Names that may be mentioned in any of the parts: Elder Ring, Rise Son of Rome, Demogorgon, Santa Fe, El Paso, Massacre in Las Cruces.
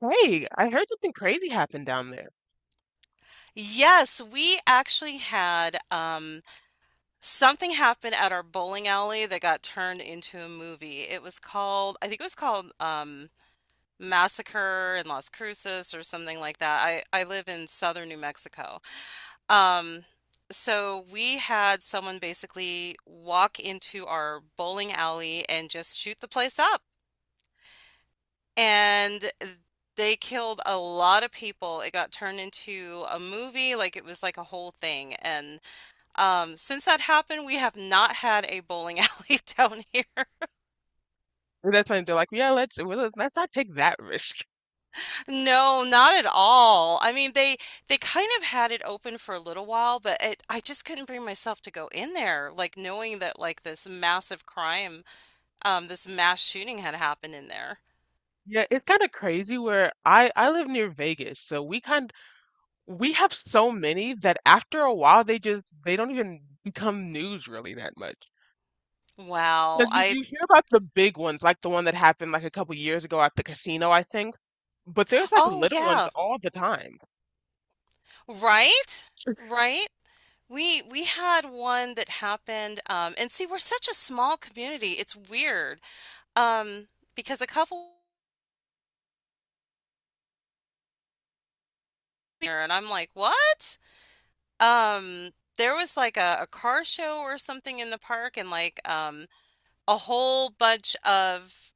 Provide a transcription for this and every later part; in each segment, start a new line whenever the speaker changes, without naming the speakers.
Hey, I heard something crazy happened down there.
Yes, we actually had something happen at our bowling alley that got turned into a movie. It was called, I think it was called Massacre in Las Cruces or something like that. I live in southern New Mexico. Um, so we had someone basically walk into our bowling alley and just shoot the place up. And they killed a lot of people. It got turned into a movie, like it was like a whole thing. And Since that happened, we have not had a bowling alley down here.
And that's when they're like, yeah, let's not take that risk.
No, not at all. I mean, they kind of had it open for a little while, but it, I just couldn't bring myself to go in there, like knowing that like this massive crime, this mass shooting had happened in there.
Yeah, it's kind of crazy where I live near Vegas, so we have so many that after a while they just they don't even become news really that much.
Wow.
Because you
I
you hear about the big ones, like the one that happened like a couple years ago at the casino, I think, but there's like
Oh
little ones
yeah,
all the time.
right? Right? We had one that happened, and see, we're such a small community. It's weird. Um, because a couple here and I'm like, "What?" Um there was like a car show or something in the park and like a whole bunch of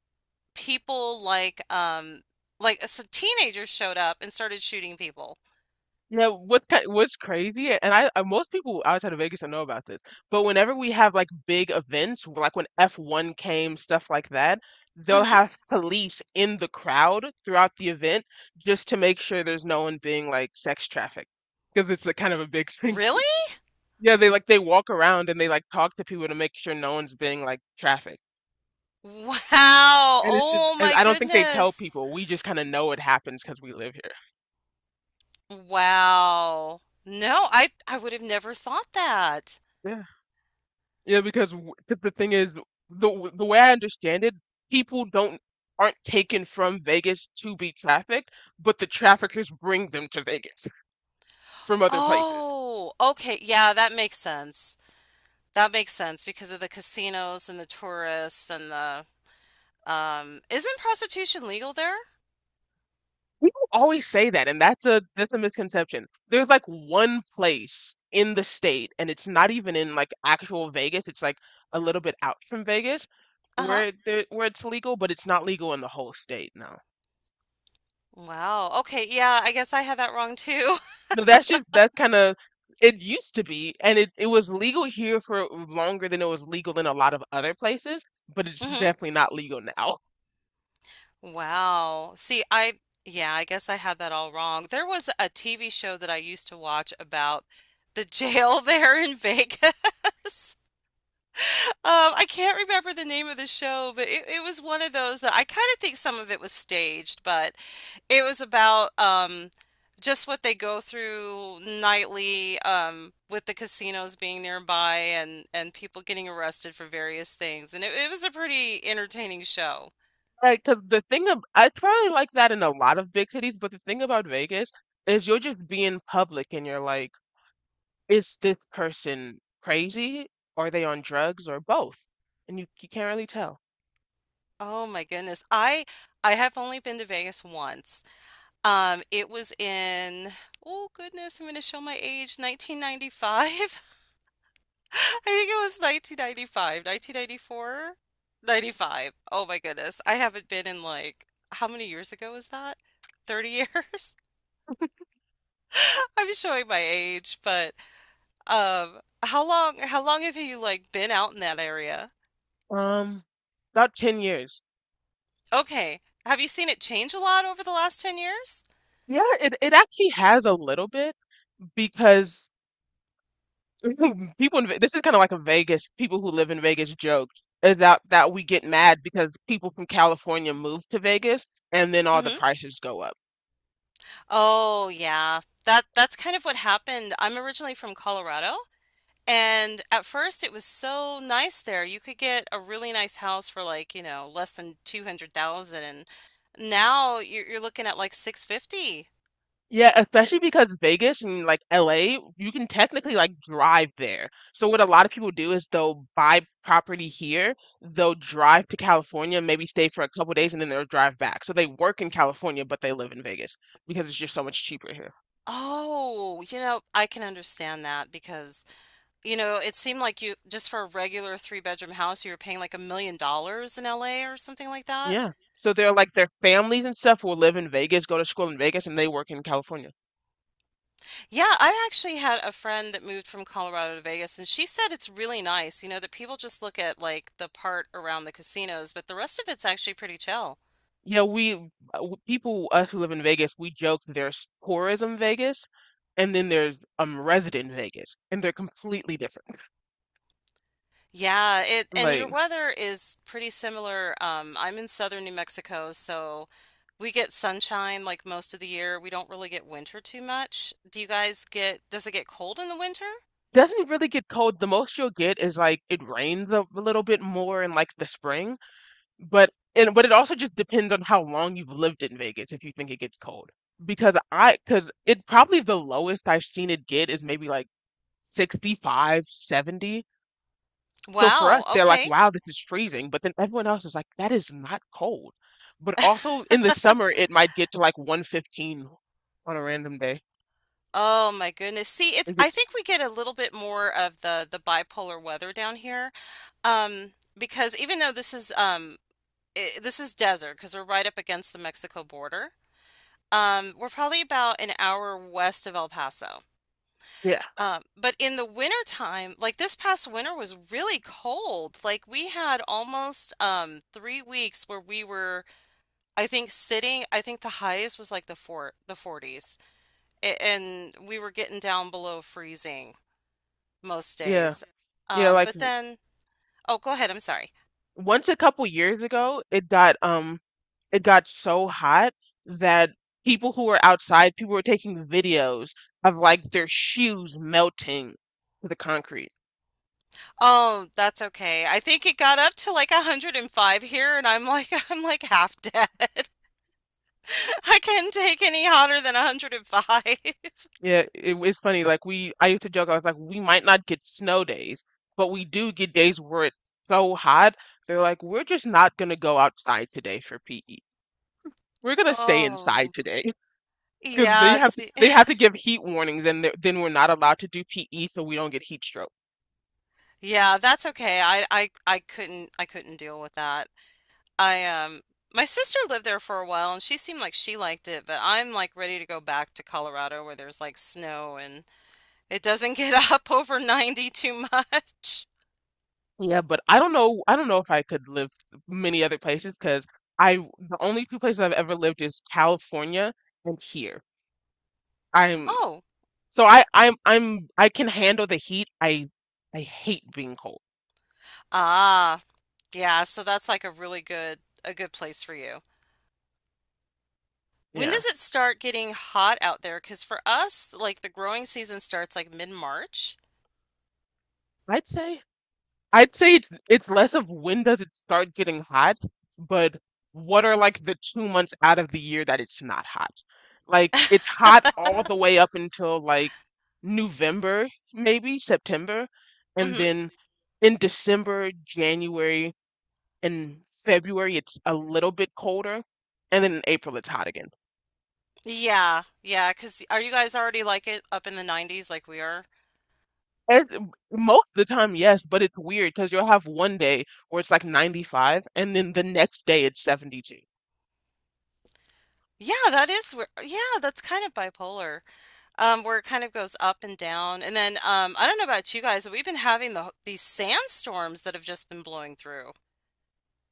people like, like, so, teenagers showed up and started shooting people.
Now, what's crazy, and I most people outside of Vegas don't know about this, but whenever we have like big events, like when F1 came, stuff like that, they'll
Hmm.
have police in the crowd throughout the event just to make sure there's no one being like sex trafficked, because it's a kind of a big thing.
Really?
Yeah, they walk around and they like talk to people to make sure no one's being like trafficked.
Wow.
And it's just,
Oh
and
my
I don't think they tell
goodness.
people. We just kind of know it happens because we live
Wow. No, I would have never thought that.
here. Yeah, because 'cause the thing is, the way I understand it, people don't aren't taken from Vegas to be trafficked, but the traffickers bring them to Vegas from other places.
Oh, okay. Yeah, that makes sense. That makes sense because of the casinos and the tourists and the. Isn't prostitution legal there?
People always say that, and that's a misconception. There's like one place in the state, and it's not even in like actual Vegas. It's like a little bit out from Vegas,
Uh-huh.
where it's legal, but it's not legal in the whole state. No.
Wow. Okay, yeah, I guess I had that wrong too.
No, that's just that kind of it used to be, and it was legal here for longer than it was legal in a lot of other places, but it's
Mhm.
definitely not legal now.
Wow. See, I guess I had that all wrong. There was a TV show that I used to watch about the jail there in Vegas. I can't remember the name of the show, but it was one of those that I kind of think some of it was staged, but it was about just what they go through nightly, with the casinos being nearby and people getting arrested for various things. And it was a pretty entertaining show.
Like, 'cause the thing of I probably like that in a lot of big cities, but the thing about Vegas is you are just being public and you're like, is this person crazy? Are they on drugs or both? And you can't really tell.
Oh my goodness. I have only been to Vegas once. It was in, oh goodness, I'm going to show my age, 1995. I think it was 1995, 1994, 95. Oh my goodness. I haven't been in like, how many years ago was that? 30 years? I'm showing my age, but how long have you like been out in that area?
Um, about 10 years.
Okay. Have you seen it change a lot over the last 10 years?
Yeah, it actually has a little bit because people in this is kind of like a Vegas, people who live in Vegas joke is that we get mad because people from California move to Vegas and then all the
Hmm.
prices go up.
Oh yeah. That that's kind of what happened. I'm originally from Colorado, and at first it was so nice there. You could get a really nice house for like, you know, less than 200,000, and now you're looking at like 650.
Yeah, especially because Vegas and like LA, you can technically like drive there. So what a lot of people do is they'll buy property here, they'll drive to California, maybe stay for a couple days, and then they'll drive back. So they work in California, but they live in Vegas because it's just so much cheaper here.
Oh, you know, I can understand that because, you know, it seemed like you just for a regular three-bedroom house you were paying like $1 million in LA or something like that.
Yeah. So they're like their families and stuff will live in Vegas, go to school in Vegas, and they work in California.
Yeah, I actually had a friend that moved from Colorado to Vegas, and she said it's really nice, you know, that people just look at like the part around the casinos, but the rest of it's actually pretty chill.
Yeah, people us who live in Vegas, we joke that there's tourism Vegas, and then there's resident Vegas, and they're completely different.
Yeah, it and your
Like,
weather is pretty similar. I'm in southern New Mexico, so we get sunshine like most of the year. We don't really get winter too much. Do you guys get, does it get cold in the winter?
doesn't really get cold. The most you'll get is like it rains a little bit more in like the spring, but and but it also just depends on how long you've lived in Vegas if you think it gets cold. Because it probably the lowest I've seen it get is maybe like 65 70. So for us,
Wow,
they're like,
okay.
wow, this is freezing. But then everyone else is like, that is not cold. But also in the summer, it might get to like 115 on a random day.
Oh my goodness. See, it's
It
I
gets,
think we get a little bit more of the bipolar weather down here. Um, because even though this is I This is desert because we're right up against the Mexico border, we're probably about an hour west of El Paso.
yeah,
But in the winter time, like this past winter was really cold. Like we had almost 3 weeks where we were, I think, sitting, I think the highest was like the 40s. And we were getting down below freezing most
yeah,
days.
yeah.
Um,
Like
but
w-
then, oh, go ahead, I'm sorry.
Once a couple years ago, it got so hot that people were taking videos of like their shoes melting to the concrete.
Oh, that's okay. I think it got up to like 105 here, and I'm like, I'm like half dead. I can't take any hotter than 105.
Yeah, it, it's funny. I used to joke. I was like, we might not get snow days, but we do get days where it's so hot. They're like, we're just not gonna go outside today for PE. We're gonna stay inside
Oh,
today because
yeah. See,
they have to give heat warnings, and then we're not allowed to do PE, so we don't get heat stroke.
yeah, that's okay. I couldn't, I couldn't deal with that. I, um, my sister lived there for a while, and she seemed like she liked it, but I'm like ready to go back to Colorado where there's like snow and it doesn't get up over 90 too much.
Yeah, but I don't know. I don't know if I could live many other places because I the only two places I've ever lived is California and here. I'm.
Oh,
So I I'm I can handle the heat. I hate being cold.
ah. Yeah, so that's like a really good place for you. When
Yeah.
does it start getting hot out there? Cause for us, like the growing season starts like mid-March.
I'd say I'd say it's less of when does it start getting hot, but what are like the 2 months out of the year that it's not hot? Like it's hot all the way up until like November, maybe September, and
Hmm.
then in December, January, and February it's a little bit colder, and then in April it's hot again.
Yeah. Yeah. Cause are you guys already like it up in the 90s like we are?
And most of the time, yes, but it's weird because you'll have one day where it's like 95, and then the next day it's 72.
Yeah, that is where, yeah, that's kind of bipolar. Where it kind of goes up and down. And then I don't know about you guys, but we've been having these sandstorms that have just been blowing through.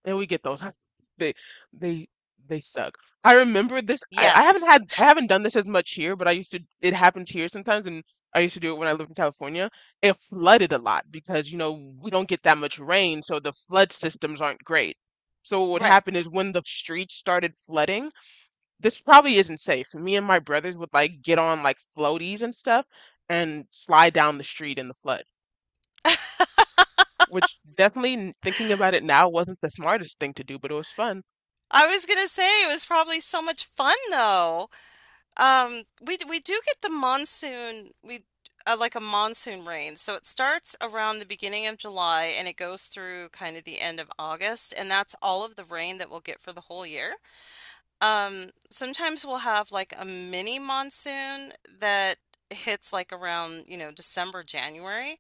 And we get those. They, they, they suck. I remember this.
Yes.
I haven't done this as much here, but I used to, it happens here sometimes, and I used to do it when I lived in California. It flooded a lot because, you know, we don't get that much rain, so the flood systems aren't great. So what would
Right.
happen is when the streets started flooding, this probably isn't safe. Me and my brothers would like get on like floaties and stuff and slide down the street in the flood, which definitely thinking about it now wasn't the smartest thing to do, but it was fun.
I was gonna say it was probably so much fun though. We do get the monsoon. We like a monsoon rain. So it starts around the beginning of July and it goes through kind of the end of August, and that's all of the rain that we'll get for the whole year. Sometimes we'll have like a mini monsoon that hits like around, you know, December, January.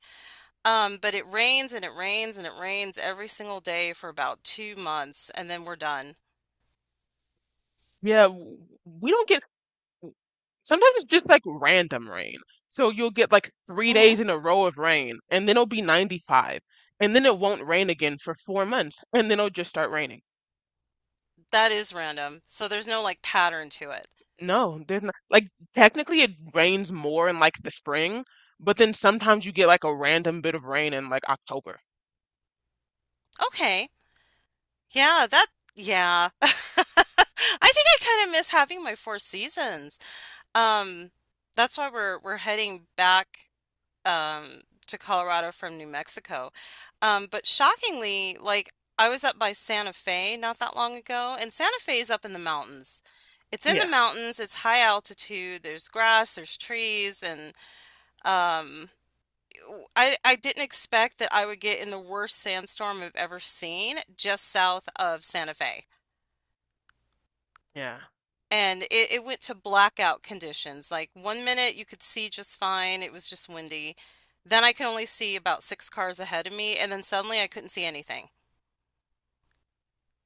But it rains and it rains and it rains every single day for about 2 months, and then we're done.
Yeah, w- we don't get sometimes it's just like random rain. So you'll get like three
Hmm.
days in a row of rain, and then it'll be 95, and then it won't rain again for 4 months, and then it'll just start raining.
That is random. So there's no like pattern to it.
No, there's not like technically it rains more in like the spring, but then sometimes you get like a random bit of rain in like October.
Okay. Yeah, that yeah. I think I kind of miss having my four seasons. Um, that's why we're heading back um to Colorado from New Mexico. But shockingly, like I was up by Santa Fe not that long ago, and Santa Fe is up in the mountains. It's in the
Yeah,
mountains, it's high altitude, there's grass, there's trees, and um I I didn't expect that I would get in the worst sandstorm I've ever seen just south of Santa Fe.
yeah,
And it went to blackout conditions. Like 1 minute you could see just fine, it was just windy. Then I could only see about six cars ahead of me, and then suddenly I couldn't see anything.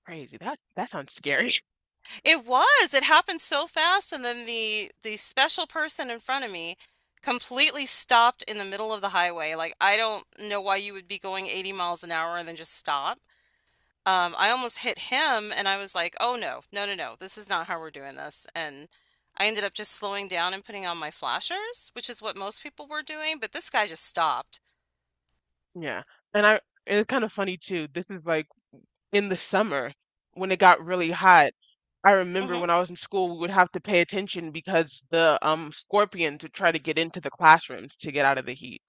crazy. That that sounds scary.
It was, it happened so fast, and then the special person in front of me completely stopped in the middle of the highway. Like I don't know why you would be going 80 miles an hour and then just stop. I almost hit him and I was like, "Oh no. No, no, no. This is not how we're doing this." And I ended up just slowing down and putting on my flashers, which is what most people were doing, but this guy just stopped.
Yeah, and I and it's kind of funny too. This is like in the summer when it got really hot. I remember
Mhm.
when I was in school, we would have to pay attention because the scorpions would try to get into the classrooms to get out of the heat.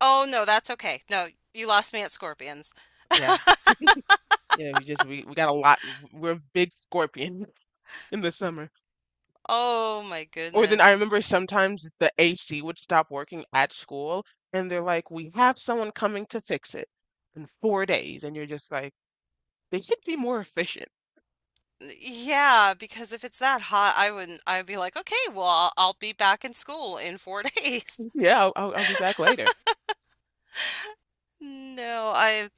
"Oh no, that's okay. No, you lost me at Scorpions."
Yeah, yeah. We got a lot. We're big scorpion in the summer.
Oh my
Or then I
goodness.
remember sometimes the AC would stop working at school, and they're like, "We have someone coming to fix it in 4 days," and you're just like. They should be more efficient.
Yeah, because if it's that hot, I wouldn't I'd be like, "Okay, well, I'll be back in school in 4 days."
Yeah, I'll be back later.
No, I,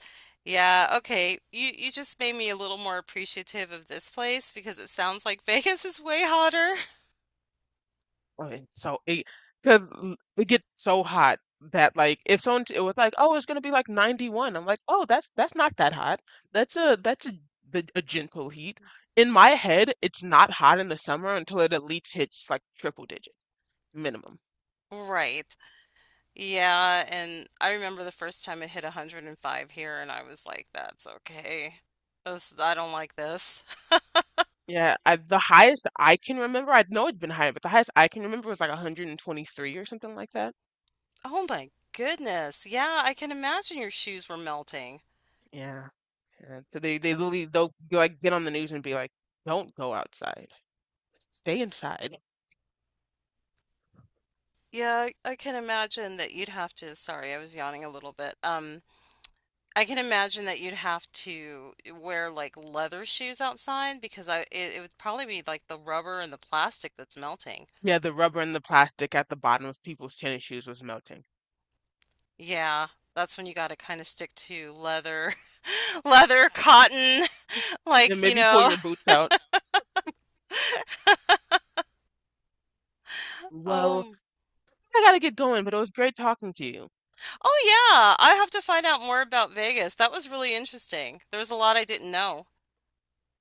Yeah, okay. You just made me a little more appreciative of this place because it sounds like Vegas is way hotter.
Okay, so it because it gets so hot that like if someone it was like, oh, it's gonna be like 91. I'm like, oh, that's not that hot. That's a a gentle heat. In my head, it's not hot in the summer until it at least hits like triple digit minimum.
Right. Yeah, and I remember the first time it hit 105 here and I was like, that's okay. This, I don't like this.
Yeah, the highest I can remember, I know it's been higher, but the highest I can remember was like 123 or something like that.
Oh my goodness. Yeah, I can imagine your shoes were melting.
Yeah. And so they literally they'll like get on the news and be like, "Don't go outside. Stay inside."
Yeah, I can imagine that you'd have to, sorry, I was yawning a little bit. I can imagine that you'd have to wear like leather shoes outside because I it, it would probably be like the rubber and the plastic that's melting.
Yeah, the rubber and the plastic at the bottom of people's tennis shoes was melting.
Yeah, that's when you got to kind of stick to leather, leather, cotton,
Yeah,
like, you
maybe pull
know.
your boots out. Well,
Oh,
I gotta get going, but it was great talking to you.
oh yeah, I have to find out more about Vegas. That was really interesting. There was a lot I didn't know.